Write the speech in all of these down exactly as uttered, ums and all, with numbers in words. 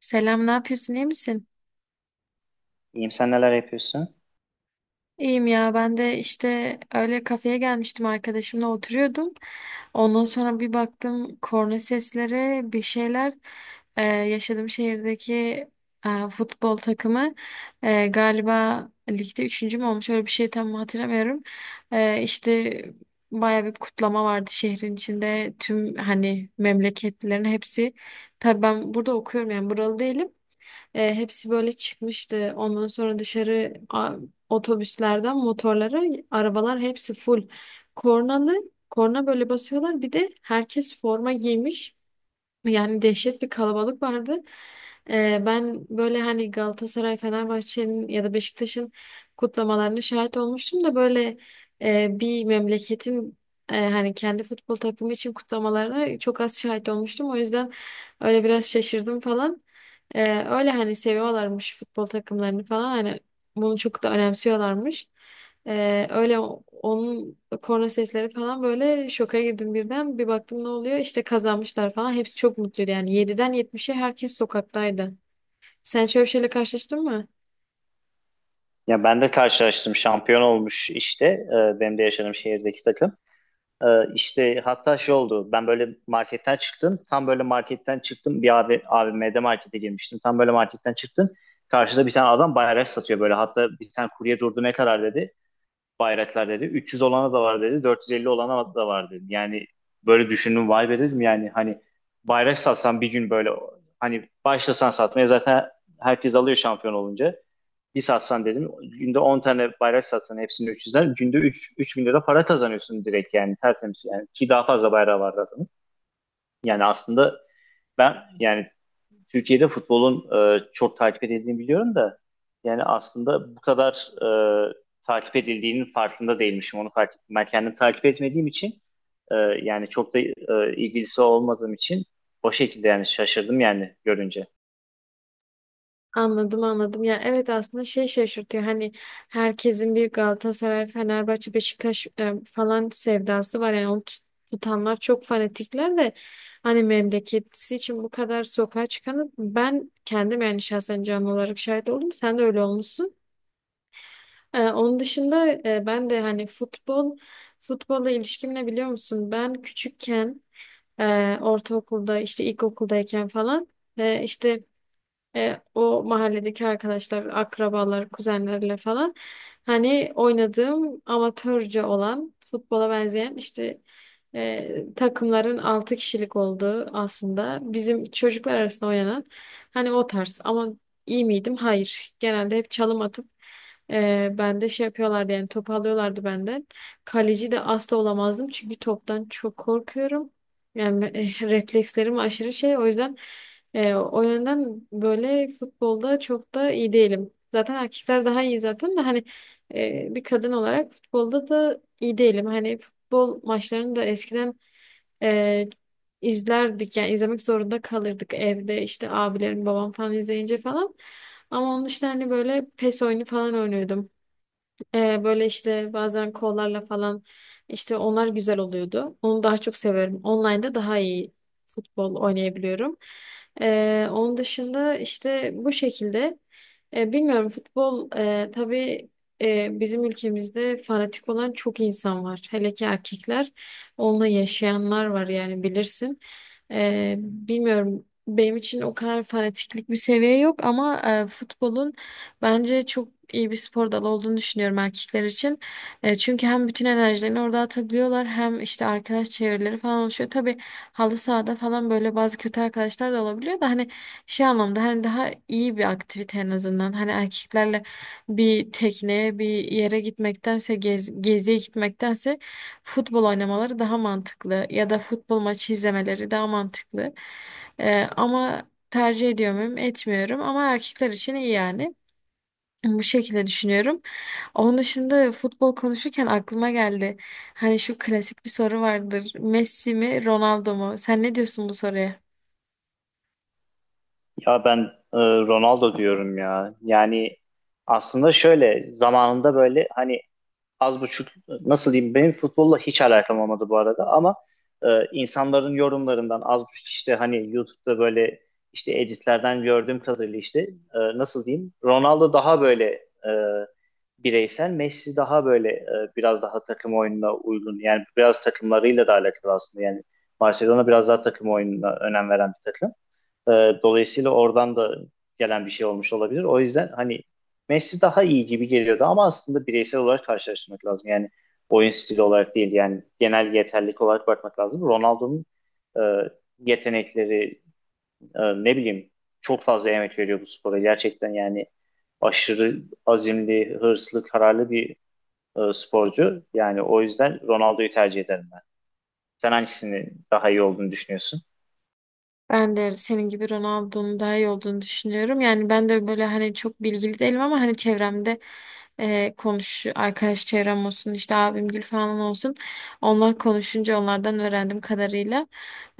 Selam, ne yapıyorsun? İyi misin? İyiyim, sen neler yapıyorsun? İyiyim ya ben de işte öyle kafeye gelmiştim arkadaşımla oturuyordum. Ondan sonra bir baktım korna sesleri bir şeyler. Ee, yaşadığım şehirdeki e, futbol takımı e, galiba ligde üçüncü mü olmuş öyle bir şey tam hatırlamıyorum. Ee, işte baya bir kutlama vardı şehrin içinde tüm hani memleketlilerin hepsi. Tabii ben burada okuyorum yani buralı değilim. E, hepsi böyle çıkmıştı. Ondan sonra dışarı otobüslerden motorlara arabalar hepsi full. Kornalı korna böyle basıyorlar. Bir de herkes forma giymiş. Yani dehşet bir kalabalık vardı. Ee, ben böyle hani Galatasaray, Fenerbahçe'nin ya da Beşiktaş'ın kutlamalarına şahit olmuştum da böyle e, bir memleketin e, hani kendi futbol takımı için kutlamalarına çok az şahit olmuştum. O yüzden öyle biraz şaşırdım falan. Ee, öyle hani seviyorlarmış futbol takımlarını falan hani bunu çok da önemsiyorlarmış. Ee, öyle o- onun korna sesleri falan böyle şoka girdim birden. Bir baktım ne oluyor? İşte kazanmışlar falan. Hepsi çok mutluydu yani. Yediden yetmişe herkes sokaktaydı. Sen şöyle bir şeyle karşılaştın mı? Ya ben de karşılaştım, şampiyon olmuş işte, e, benim de yaşadığım şehirdeki takım. E, işte hatta şey oldu, ben böyle marketten çıktım tam böyle marketten çıktım, bir abi, A V M'de markete girmiştim, tam böyle marketten çıktım. Karşıda bir tane adam bayrak satıyor böyle, hatta bir tane kurye durdu, ne kadar dedi bayraklar, dedi üç yüz olana da var, dedi dört yüz elli olana da var dedi. Yani böyle düşündüm, vay be dedim, yani hani bayrak satsan bir gün, böyle hani başlasan satmaya, zaten herkes alıyor şampiyon olunca. Bir satsan dedim, günde on tane bayrak satsan, hepsini üç yüzden günde üç 3 bin lira para kazanıyorsun direkt, yani tertemiz, yani ki daha fazla bayrağı var adamın. Yani aslında ben, yani Türkiye'de futbolun e, çok takip edildiğini biliyorum da, yani aslında bu kadar e, takip edildiğinin farkında değilmişim, onu fark ettim. Ben kendim takip etmediğim için, e, yani çok da e, ilgilisi olmadığım için, o şekilde yani şaşırdım yani görünce. Anladım, anladım. Ya evet aslında şey şaşırtıyor. Hani herkesin bir Galatasaray, Fenerbahçe, Beşiktaş e, falan sevdası var. Yani onu tut- tutanlar çok fanatikler de hani memleketisi için bu kadar sokağa çıkanı ben kendim yani şahsen canlı olarak şahit oldum. Sen de öyle olmuşsun. Ee, onun dışında e, ben de hani futbol, futbolla ilişkim ne biliyor musun? Ben küçükken e, ortaokulda işte ilkokuldayken falan e, işte e, o mahalledeki arkadaşlar, akrabalar, kuzenlerle falan hani oynadığım amatörce olan futbola benzeyen işte e, takımların altı kişilik olduğu aslında bizim çocuklar arasında oynanan hani o tarz ama iyi miydim? Hayır. Genelde hep çalım atıp e, ben de şey yapıyorlardı yani topu alıyorlardı benden. Kaleci de asla olamazdım çünkü toptan çok korkuyorum. Yani e, reflekslerim aşırı şey o yüzden e, o yönden böyle futbolda çok da iyi değilim. Zaten erkekler daha iyi zaten de hani e, bir kadın olarak futbolda da iyi değilim. Hani futbol maçlarını da eskiden e, izlerdik yani izlemek zorunda kalırdık evde işte abilerim babam falan izleyince falan. Ama onun dışında hani böyle PES oyunu falan oynuyordum. Ee, böyle işte bazen kollarla falan işte onlar güzel oluyordu. Onu daha çok severim. Online'da daha iyi futbol oynayabiliyorum. Ee, onun dışında işte bu şekilde. Ee, bilmiyorum futbol e, tabii e, bizim ülkemizde fanatik olan çok insan var. Hele ki erkekler onunla yaşayanlar var yani bilirsin. Ee, bilmiyorum benim için o kadar fanatiklik bir seviye yok ama e, futbolun bence çok iyi bir spor dalı olduğunu düşünüyorum erkekler için. E, çünkü hem bütün enerjilerini orada atabiliyorlar hem işte arkadaş çevreleri falan oluşuyor. Tabii halı sahada falan böyle bazı kötü arkadaşlar da olabiliyor da hani şey anlamda hani daha iyi bir aktivite en azından. Hani erkeklerle bir tekneye bir yere gitmektense gez, geziye gitmektense futbol oynamaları daha mantıklı ya da futbol maçı izlemeleri daha mantıklı. E, ama tercih ediyor muyum? Etmiyorum ama erkekler için iyi yani. Bu şekilde düşünüyorum. Onun dışında futbol konuşurken aklıma geldi. Hani şu klasik bir soru vardır. Messi mi, Ronaldo mu? Sen ne diyorsun bu soruya? Ya ben, e, Ronaldo diyorum ya. Yani aslında şöyle zamanında böyle hani az buçuk, nasıl diyeyim, benim futbolla hiç alakam olmadı bu arada, ama e, insanların yorumlarından az buçuk işte, hani YouTube'da böyle işte editlerden gördüğüm kadarıyla işte, e, nasıl diyeyim, Ronaldo daha böyle e, bireysel, Messi daha böyle e, biraz daha takım oyununa uygun, yani biraz takımlarıyla da alakalı aslında, yani Barcelona biraz daha takım oyununa önem veren bir takım. E, Dolayısıyla oradan da gelen bir şey olmuş olabilir. O yüzden hani Messi daha iyi gibi geliyordu, ama aslında bireysel olarak karşılaştırmak lazım. Yani oyun stili olarak değil, yani genel yeterlilik olarak bakmak lazım. Ronaldo'nun e, yetenekleri, e, ne bileyim, çok fazla emek veriyor bu spora. Gerçekten yani aşırı azimli, hırslı, kararlı bir e, sporcu. Yani o yüzden Ronaldo'yu tercih ederim ben. Sen hangisini daha iyi olduğunu düşünüyorsun? Ben de senin gibi Ronaldo'nun daha iyi olduğunu düşünüyorum. Yani ben de böyle hani çok bilgili değilim ama hani çevremde e, konuş arkadaş çevrem olsun işte abimgil falan olsun. Onlar konuşunca onlardan öğrendim kadarıyla.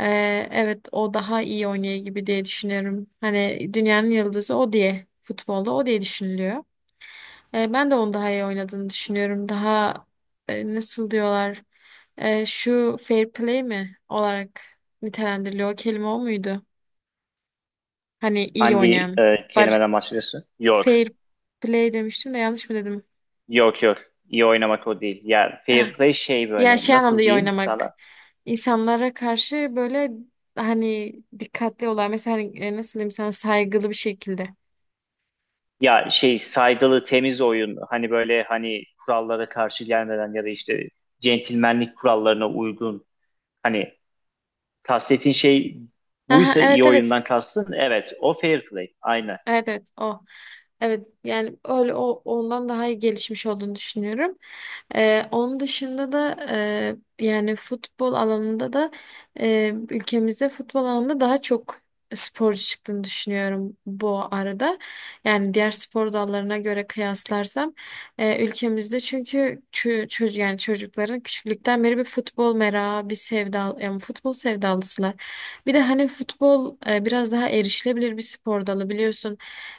E, evet o daha iyi oynuyor gibi diye düşünüyorum. Hani dünyanın yıldızı o diye futbolda o diye düşünülüyor. E, ben de onu daha iyi oynadığını düşünüyorum. Daha e, nasıl diyorlar? E, şu fair play mi olarak nitelendiriliyor. O kelime o muydu? Hani iyi Hangi oynayan. e, Bar kelimeden bahsediyorsun? York. fair play demiştim de yanlış mı dedim? Yok, yok. İyi oynamak o değil. Ya, fair Ha. play şey, Ya böyle şey anlamda nasıl iyi diyeyim oynamak. sana? İnsanlara karşı böyle hani dikkatli olan mesela hani, e, nasıl diyeyim sana saygılı bir şekilde. Ya şey, saygılı temiz oyun. Hani böyle hani kurallara karşı gelmeden, ya da işte centilmenlik kurallarına uygun. Hani kastettiğin şey Aha, buysa, iyi evet, evet. oyundan kastın. Evet, o fair play. Aynen. Evet, evet o. Evet yani öyle o ondan daha iyi gelişmiş olduğunu düşünüyorum. Ee, onun dışında da e, yani futbol alanında da e, ülkemizde futbol alanında daha çok sporcu çıktığını düşünüyorum bu arada. Yani diğer spor dallarına göre kıyaslarsam e, ülkemizde çünkü çö çocuk yani çocukların küçüklükten beri bir futbol merakı, bir sevda yani futbol sevdalısılar. Bir de hani futbol e, biraz daha erişilebilir bir spor dalı biliyorsun.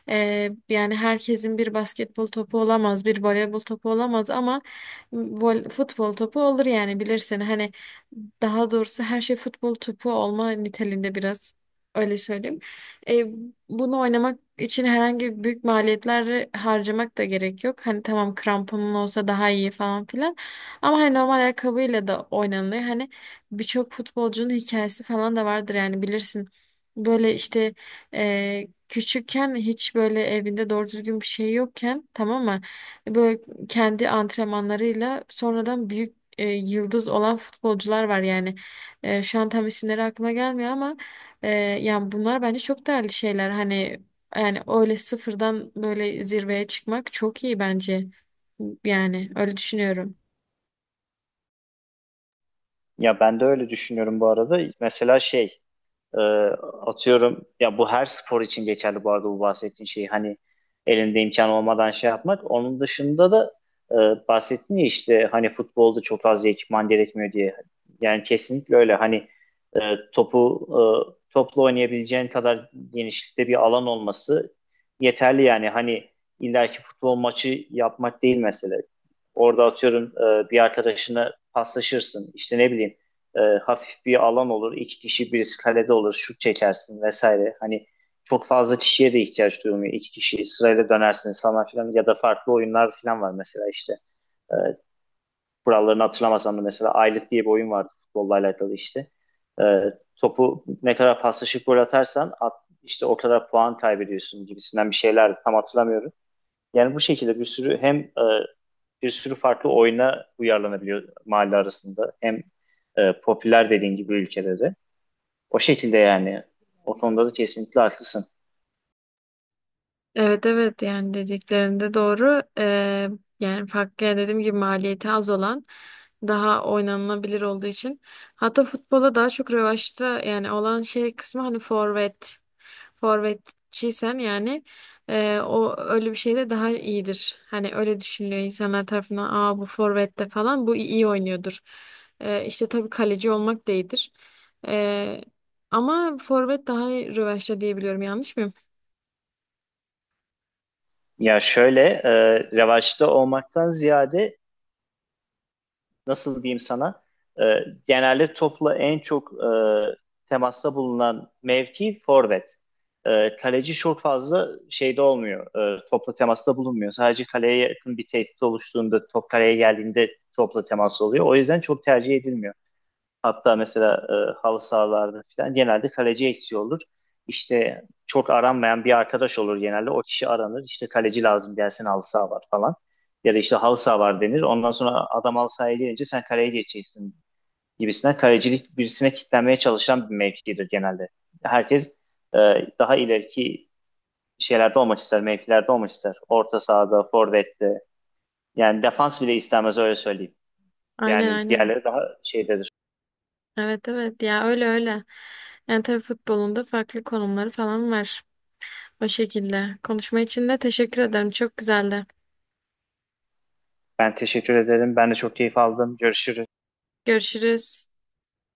Ee, yani herkesin bir basketbol topu olamaz, bir voleybol topu olamaz ama vol- futbol topu olur yani bilirsin. Hani daha doğrusu her şey futbol topu olma niteliğinde biraz öyle söyleyeyim. Ee, bunu oynamak için herhangi büyük maliyetler harcamak da gerek yok. Hani tamam kramponun olsa daha iyi falan filan. Ama hani normal ayakkabıyla da oynanılıyor. Hani birçok futbolcunun hikayesi falan da vardır yani bilirsin. Böyle işte küçükken hiç böyle evinde doğru düzgün bir şey yokken tamam mı? Böyle kendi antrenmanlarıyla sonradan büyük e, yıldız olan futbolcular var yani. E, şu an tam isimleri aklıma gelmiyor ama e, yani bunlar bence çok değerli şeyler. Hani yani öyle sıfırdan böyle zirveye çıkmak çok iyi bence. Yani öyle düşünüyorum. Ya ben de öyle düşünüyorum bu arada. Mesela şey, Ee, atıyorum ya, bu her spor için geçerli bu arada, bu bahsettiğin şey hani elinde imkan olmadan şey yapmak. Onun dışında da, e, bahsettin ya işte hani futbolda çok fazla ekipman gerekmiyor diye. Yani kesinlikle öyle, hani e, topu e, topla oynayabileceğin kadar genişlikte bir alan olması yeterli, yani hani illaki futbol maçı yapmak değil mesele. Orada atıyorum e, bir arkadaşına paslaşırsın işte, ne bileyim, e, hafif bir alan olur. iki kişi, birisi kalede olur. Şut çekersin vesaire. Hani çok fazla kişiye de ihtiyaç duyulmuyor. İki kişi sırayla dönersiniz falan filan, ya da farklı oyunlar filan var mesela işte. E, Kurallarını hatırlamasam da, mesela Aylık diye bir oyun vardı futbolla alakalı işte. E, Topu ne kadar paslaşıp gol atarsan at, işte o kadar puan kaybediyorsun gibisinden bir şeyler, tam hatırlamıyorum. Yani bu şekilde bir sürü hem e, bir sürü farklı oyuna uyarlanabiliyor mahalle arasında. Hem e, popüler, dediğin gibi ülkede de. O şekilde yani. O konuda da kesinlikle haklısın. Evet, evet yani dediklerinde doğru. Ee, yani farklı yani dediğim gibi maliyeti az olan daha oynanılabilir olduğu için. Hatta futbola daha çok revaçta yani olan şey kısmı hani forvet. Forvetçiysen yani e, o öyle bir şey de daha iyidir. Hani öyle düşünülüyor insanlar tarafından. Aa bu forvette falan bu iyi oynuyordur. Ee, işte tabii kaleci olmak da iyidir. Ee, ama forvet daha rövaşta diyebiliyorum yanlış mıyım? Ya şöyle, e, revaçta olmaktan ziyade, nasıl diyeyim sana, e, genelde topla en çok e, temasta bulunan mevki forvet. E, kaleci çok fazla şeyde olmuyor. E, topla temasta bulunmuyor. Sadece kaleye yakın bir tehdit oluştuğunda, top kaleye geldiğinde topla temas oluyor. O yüzden çok tercih edilmiyor. Hatta mesela e, halı sahalarda falan genelde kaleci eksiği olur. İşte çok aranmayan bir arkadaş olur genelde. O kişi aranır. İşte kaleci lazım, gelsin halı saha var falan. Ya da işte halı saha var denir. Ondan sonra adam halı sahaya gelince, sen kaleye geçeceksin gibisinden. Kalecilik, birisine kitlenmeye çalışan bir mevkidir genelde. Herkes e, daha ileriki şeylerde olmak ister, mevkilerde olmak ister. Orta sahada, forvette. Yani defans bile istemez, öyle söyleyeyim. Aynen, Yani aynen. diğerleri daha şeydedir. Evet, evet ya öyle, öyle. Yani tabii futbolunda farklı konumları falan var. O şekilde. Konuşma için de teşekkür ederim. Çok güzeldi. Ben teşekkür ederim. Ben de çok keyif aldım. Görüşürüz. Görüşürüz.